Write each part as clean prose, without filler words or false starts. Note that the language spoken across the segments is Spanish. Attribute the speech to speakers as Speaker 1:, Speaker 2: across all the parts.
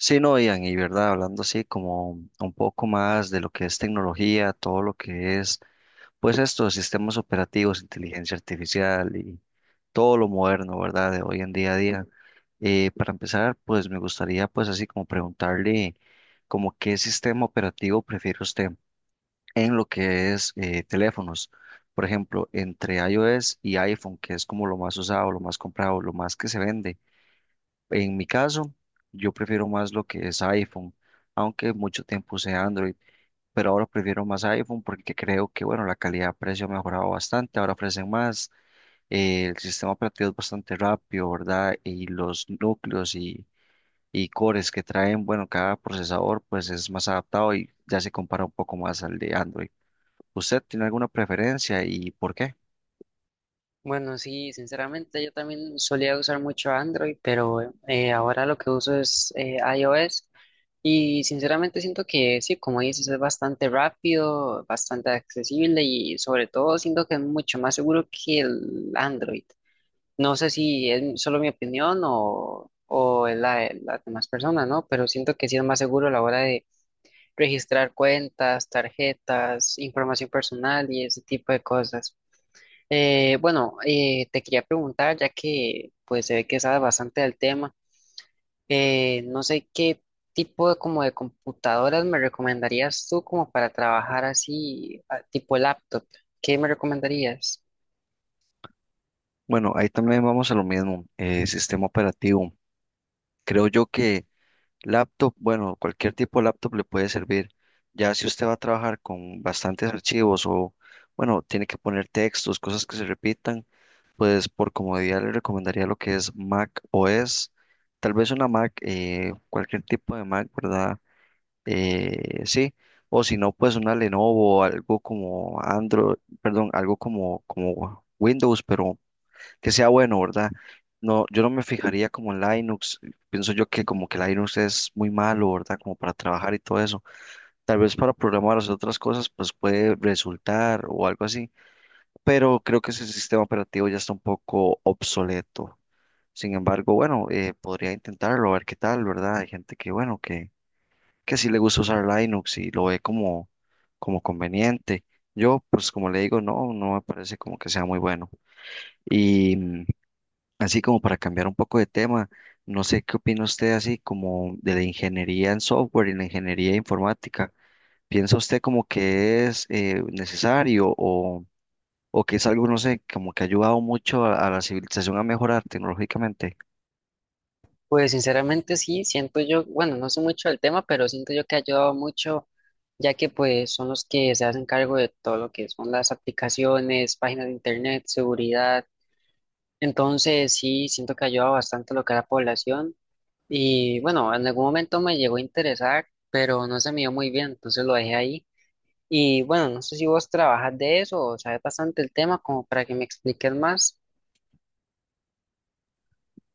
Speaker 1: Sí, no, Ian, y verdad, hablando así como un poco más de lo que es tecnología, todo lo que es, pues estos sistemas operativos, inteligencia artificial y todo lo moderno, ¿verdad? De hoy en día a día. Para empezar, pues me gustaría pues así como preguntarle como qué sistema operativo prefiere usted en lo que es teléfonos. Por ejemplo, entre iOS y iPhone, que es como lo más usado, lo más comprado, lo más que se vende. En mi caso, yo prefiero más lo que es iPhone, aunque mucho tiempo usé Android, pero ahora prefiero más iPhone porque creo que, bueno, la calidad-precio ha mejorado bastante, ahora ofrecen más, el sistema operativo es bastante rápido, ¿verdad? Y los núcleos y cores que traen, bueno, cada procesador pues es más adaptado y ya se compara un poco más al de Android. ¿Usted tiene alguna preferencia y por qué?
Speaker 2: Bueno, sí, sinceramente yo también solía usar mucho Android, pero ahora lo que uso es iOS y sinceramente siento que sí, como dices, es bastante rápido, bastante accesible y sobre todo siento que es mucho más seguro que el Android. No sé si es solo mi opinión o es la de las demás personas, ¿no? Pero siento que sí es más seguro a la hora de registrar cuentas, tarjetas, información personal y ese tipo de cosas. Bueno, te quería preguntar, ya que pues se ve que sabes bastante del tema, no sé qué tipo de, como de computadoras me recomendarías tú como para trabajar así, tipo laptop, ¿qué me recomendarías?
Speaker 1: Bueno, ahí también vamos a lo mismo, sistema operativo. Creo yo que laptop, bueno, cualquier tipo de laptop le puede servir. Ya si usted va a trabajar con bastantes archivos o, bueno, tiene que poner textos, cosas que se repitan, pues por comodidad le recomendaría lo que es Mac OS. Tal vez una Mac, cualquier tipo de Mac, ¿verdad? Sí. O si no, pues una Lenovo, algo como Android, perdón, algo como Windows, pero que sea bueno, ¿verdad? No, yo no me fijaría como en Linux. Pienso yo que como que Linux es muy malo, ¿verdad? Como para trabajar y todo eso. Tal vez para programar o hacer otras cosas, pues puede resultar o algo así. Pero creo que ese sistema operativo ya está un poco obsoleto. Sin embargo, bueno, podría intentarlo, a ver qué tal, ¿verdad? Hay gente que, bueno, que sí le gusta usar Linux y lo ve como conveniente. Yo, pues como le digo, no me parece como que sea muy bueno. Y así como para cambiar un poco de tema, no sé qué opina usted así como de la ingeniería en software y la ingeniería informática. ¿Piensa usted como que es necesario o que es algo, no sé, como que ha ayudado mucho a la civilización a mejorar tecnológicamente?
Speaker 2: Pues sinceramente sí, siento yo, bueno, no sé mucho del tema, pero siento yo que ha ayudado mucho, ya que pues son los que se hacen cargo de todo lo que son las aplicaciones, páginas de internet, seguridad, entonces sí, siento que ha ayudado bastante a lo que es la población. Y bueno, en algún momento me llegó a interesar, pero no se me dio muy bien, entonces lo dejé ahí. Y bueno, no sé si vos trabajas de eso o sabes bastante el tema como para que me expliques más.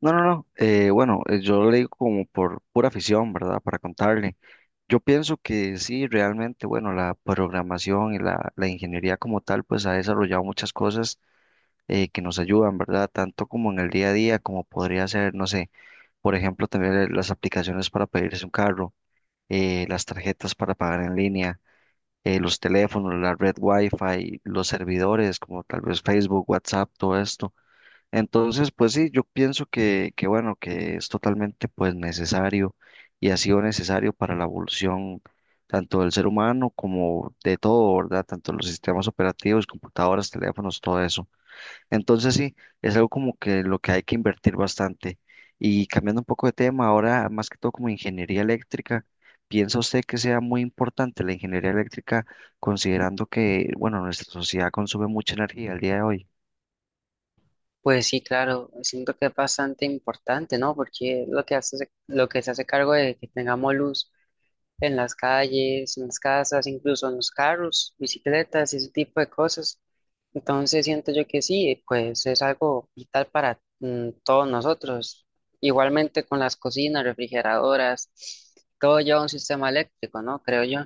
Speaker 1: No, no, no. Bueno, yo lo digo como por pura afición, ¿verdad? Para contarle. Yo pienso que sí, realmente, bueno, la programación y la ingeniería como tal, pues ha desarrollado muchas cosas que nos ayudan, ¿verdad? Tanto como en el día a día, como podría ser, no sé, por ejemplo, también las aplicaciones para pedirse un carro, las tarjetas para pagar en línea, los teléfonos, la red Wi-Fi, los servidores, como tal vez Facebook, WhatsApp, todo esto. Entonces, pues sí, yo pienso que bueno, que es totalmente pues necesario y ha sido necesario para la evolución tanto del ser humano como de todo, ¿verdad? Tanto los sistemas operativos, computadoras, teléfonos, todo eso. Entonces sí, es algo como que lo que hay que invertir bastante. Y cambiando un poco de tema, ahora más que todo como ingeniería eléctrica, ¿piensa usted que sea muy importante la ingeniería eléctrica considerando que, bueno, nuestra sociedad consume mucha energía al día de hoy?
Speaker 2: Pues sí, claro, siento que es bastante importante, ¿no? Porque lo que hace, lo que se hace cargo de que tengamos luz en las calles, en las casas, incluso en los carros, bicicletas y ese tipo de cosas. Entonces siento yo que sí, pues es algo vital para todos nosotros. Igualmente con las cocinas, refrigeradoras, todo lleva un sistema eléctrico, ¿no? Creo yo.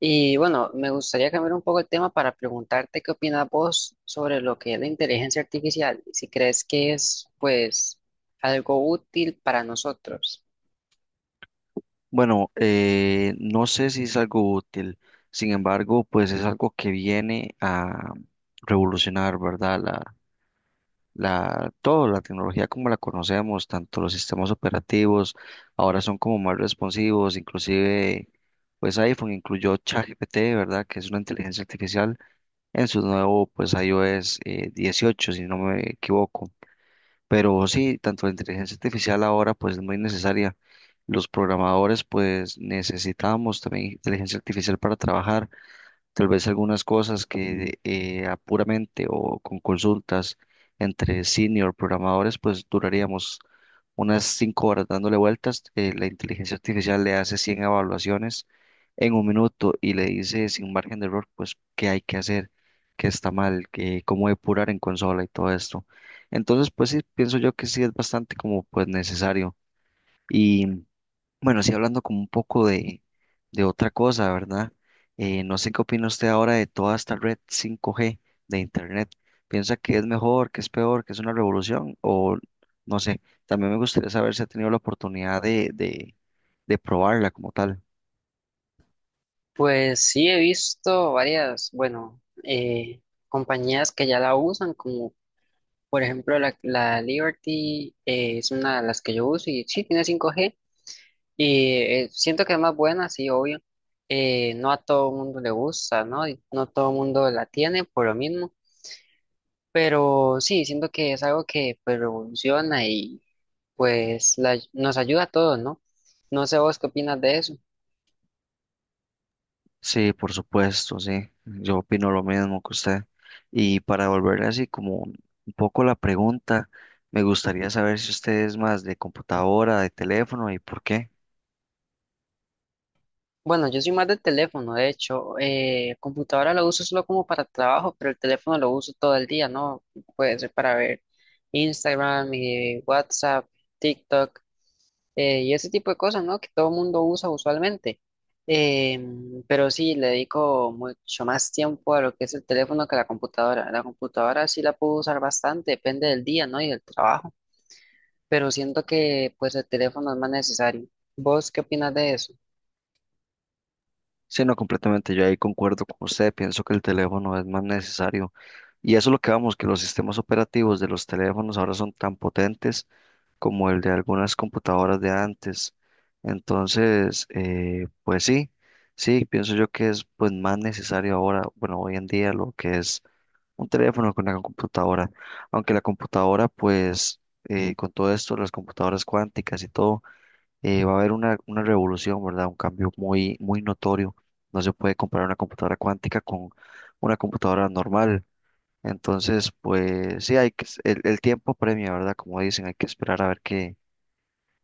Speaker 2: Y bueno, me gustaría cambiar un poco el tema para preguntarte qué opinas vos sobre lo que es la inteligencia artificial, y si crees que es pues algo útil para nosotros.
Speaker 1: Bueno, no sé si es algo útil, sin embargo, pues es algo que viene a revolucionar, ¿verdad? La, todo, la tecnología como la conocemos, tanto los sistemas operativos, ahora son como más responsivos, inclusive pues iPhone incluyó ChatGPT, ¿verdad? Que es una inteligencia artificial en su nuevo pues iOS 18 si no me equivoco. Pero sí, tanto la inteligencia artificial ahora pues es muy necesaria. Los programadores pues necesitamos también inteligencia artificial para trabajar. Tal vez algunas cosas que a puramente o con consultas entre senior programadores, pues duraríamos unas 5 horas dándole vueltas. La inteligencia artificial le hace 100 evaluaciones en un minuto y le dice sin margen de error, pues qué hay que hacer, qué está mal, qué, cómo depurar en consola y todo esto. Entonces, pues sí, pienso yo que sí es bastante como pues necesario. Y bueno, sí, hablando como un poco de otra cosa, ¿verdad? No sé qué opina usted ahora de toda esta red 5G de Internet. ¿Piensa que es mejor, que es peor, que es una revolución? O no sé, también me gustaría saber si ha tenido la oportunidad de probarla como tal.
Speaker 2: Pues sí, he visto varias, bueno, compañías que ya la usan, como por ejemplo la Liberty, es una de las que yo uso y sí, tiene 5G y siento que es más buena, sí, obvio. No a todo el mundo le gusta, ¿no? Y no todo el mundo la tiene por lo mismo, pero sí, siento que es algo que pues revoluciona y pues nos ayuda a todos, ¿no? No sé vos qué opinas de eso.
Speaker 1: Sí, por supuesto, sí. Yo opino lo mismo que usted. Y para volver así como un poco la pregunta, me gustaría saber si usted es más de computadora, de teléfono y por qué.
Speaker 2: Bueno, yo soy más del teléfono, de hecho, computadora la uso solo como para trabajo, pero el teléfono lo uso todo el día, ¿no? Puede ser para ver Instagram, WhatsApp, TikTok. Y ese tipo de cosas, ¿no? Que todo el mundo usa usualmente. Pero sí, le dedico mucho más tiempo a lo que es el teléfono que a la computadora. La computadora sí la puedo usar bastante, depende del día, ¿no? Y del trabajo. Pero siento que pues el teléfono es más necesario. ¿Vos qué opinas de eso?
Speaker 1: Sí, no, completamente. Yo ahí concuerdo con usted. Pienso que el teléfono es más necesario. Y eso es lo que vamos, que los sistemas operativos de los teléfonos ahora son tan potentes como el de algunas computadoras de antes. Entonces, pues sí, sí, pienso yo que es pues más necesario ahora, bueno, hoy en día lo que es un teléfono con una computadora. Aunque la computadora, pues, con todo esto, las computadoras cuánticas y todo va a haber una revolución, ¿verdad? Un cambio muy, muy notorio. No se puede comparar una computadora cuántica con una computadora normal. Entonces, pues sí, hay que, el tiempo premia, ¿verdad? Como dicen, hay que esperar a ver qué,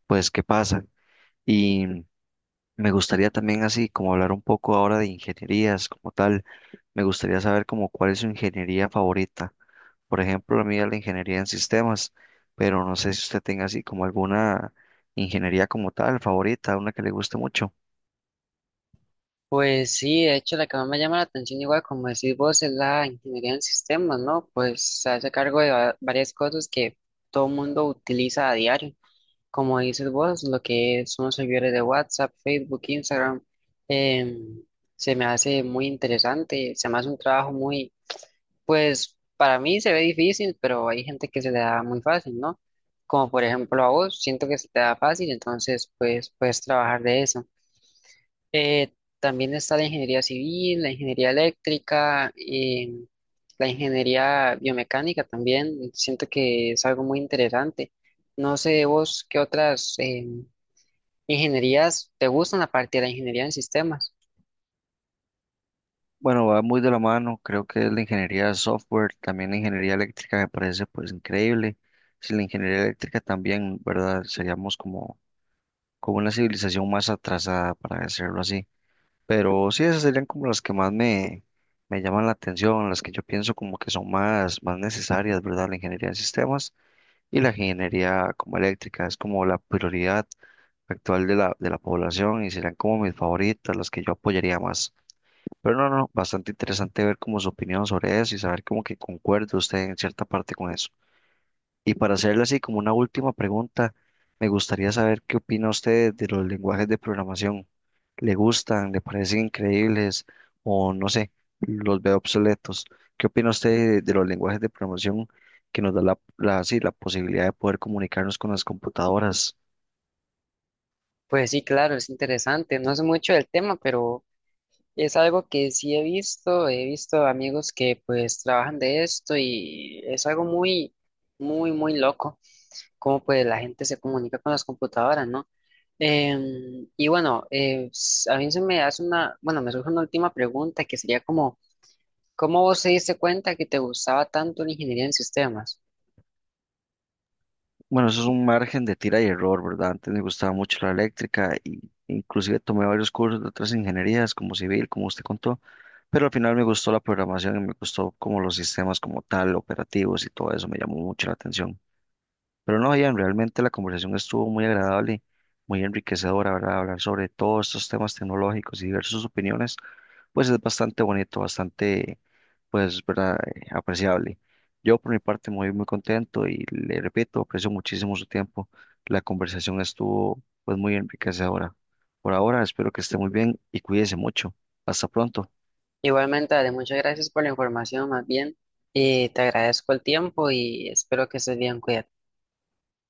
Speaker 1: pues, qué pasa. Y me gustaría también así, como hablar un poco ahora de ingenierías como tal. Me gustaría saber como cuál es su ingeniería favorita. Por ejemplo, la mía es la ingeniería en sistemas, pero no sé si usted tenga así como alguna ingeniería como tal favorita, una que le guste mucho.
Speaker 2: Pues sí, de hecho la que más me llama la atención, igual como decís vos, es la ingeniería en sistemas, ¿no? Pues se hace cargo de varias cosas que todo el mundo utiliza a diario, como dices vos, lo que son los servidores de WhatsApp, Facebook, Instagram, em, se me hace muy interesante, se me hace un trabajo muy, pues para mí se ve difícil, pero hay gente que se le da muy fácil, ¿no? Como por ejemplo a vos, siento que se te da fácil, entonces pues puedes trabajar de eso. Eh, También está la ingeniería civil, la ingeniería eléctrica, la ingeniería biomecánica también. Siento que es algo muy interesante. No sé vos qué otras ingenierías te gustan aparte de la ingeniería en sistemas.
Speaker 1: Bueno, va muy de la mano, creo que es la ingeniería de software, también la ingeniería eléctrica me parece pues increíble. Si la ingeniería eléctrica también, ¿verdad? Seríamos como, como una civilización más atrasada, para decirlo así. Pero sí, esas serían como las que más me llaman la atención, las que yo pienso como que son más, más necesarias, ¿verdad? La ingeniería de sistemas y la ingeniería como eléctrica, es como la prioridad actual de de la población y serían como mis favoritas, las que yo apoyaría más. Pero no, no, bastante interesante ver como su opinión sobre eso y saber como que concuerde usted en cierta parte con eso. Y para hacerle así como una última pregunta, me gustaría saber qué opina usted de los lenguajes de programación. ¿Le gustan? ¿Le parecen increíbles? O no sé, los ve obsoletos. ¿Qué opina usted de los lenguajes de programación que nos da la, sí, la posibilidad de poder comunicarnos con las computadoras?
Speaker 2: Pues sí, claro, es interesante. No sé mucho del tema, pero es algo que sí he visto. He visto amigos que pues trabajan de esto y es algo muy, muy, muy loco. Cómo pues la gente se comunica con las computadoras, ¿no? Y bueno, a mí se me hace una, bueno, me surge una última pregunta que sería como, ¿cómo vos te diste cuenta que te gustaba tanto la ingeniería en sistemas?
Speaker 1: Bueno, eso es un margen de tira y error, ¿verdad? Antes me gustaba mucho la eléctrica y inclusive tomé varios cursos de otras ingenierías como civil, como usted contó, pero al final me gustó la programación y me gustó como los sistemas como tal, operativos y todo eso me llamó mucho la atención. Pero no, Ian, realmente la conversación estuvo muy agradable, muy enriquecedora, ¿verdad? Hablar sobre todos estos temas tecnológicos y diversas opiniones pues es bastante bonito, bastante, pues, ¿verdad? Apreciable. Yo por mi parte muy, muy contento y le repito, aprecio muchísimo su tiempo. La conversación estuvo, pues, muy enriquecedora. Por ahora, espero que esté muy bien y cuídese mucho. Hasta pronto.
Speaker 2: Igualmente, Ale, muchas gracias por la información, más bien, te agradezco el tiempo y espero que estés bien, cuídate.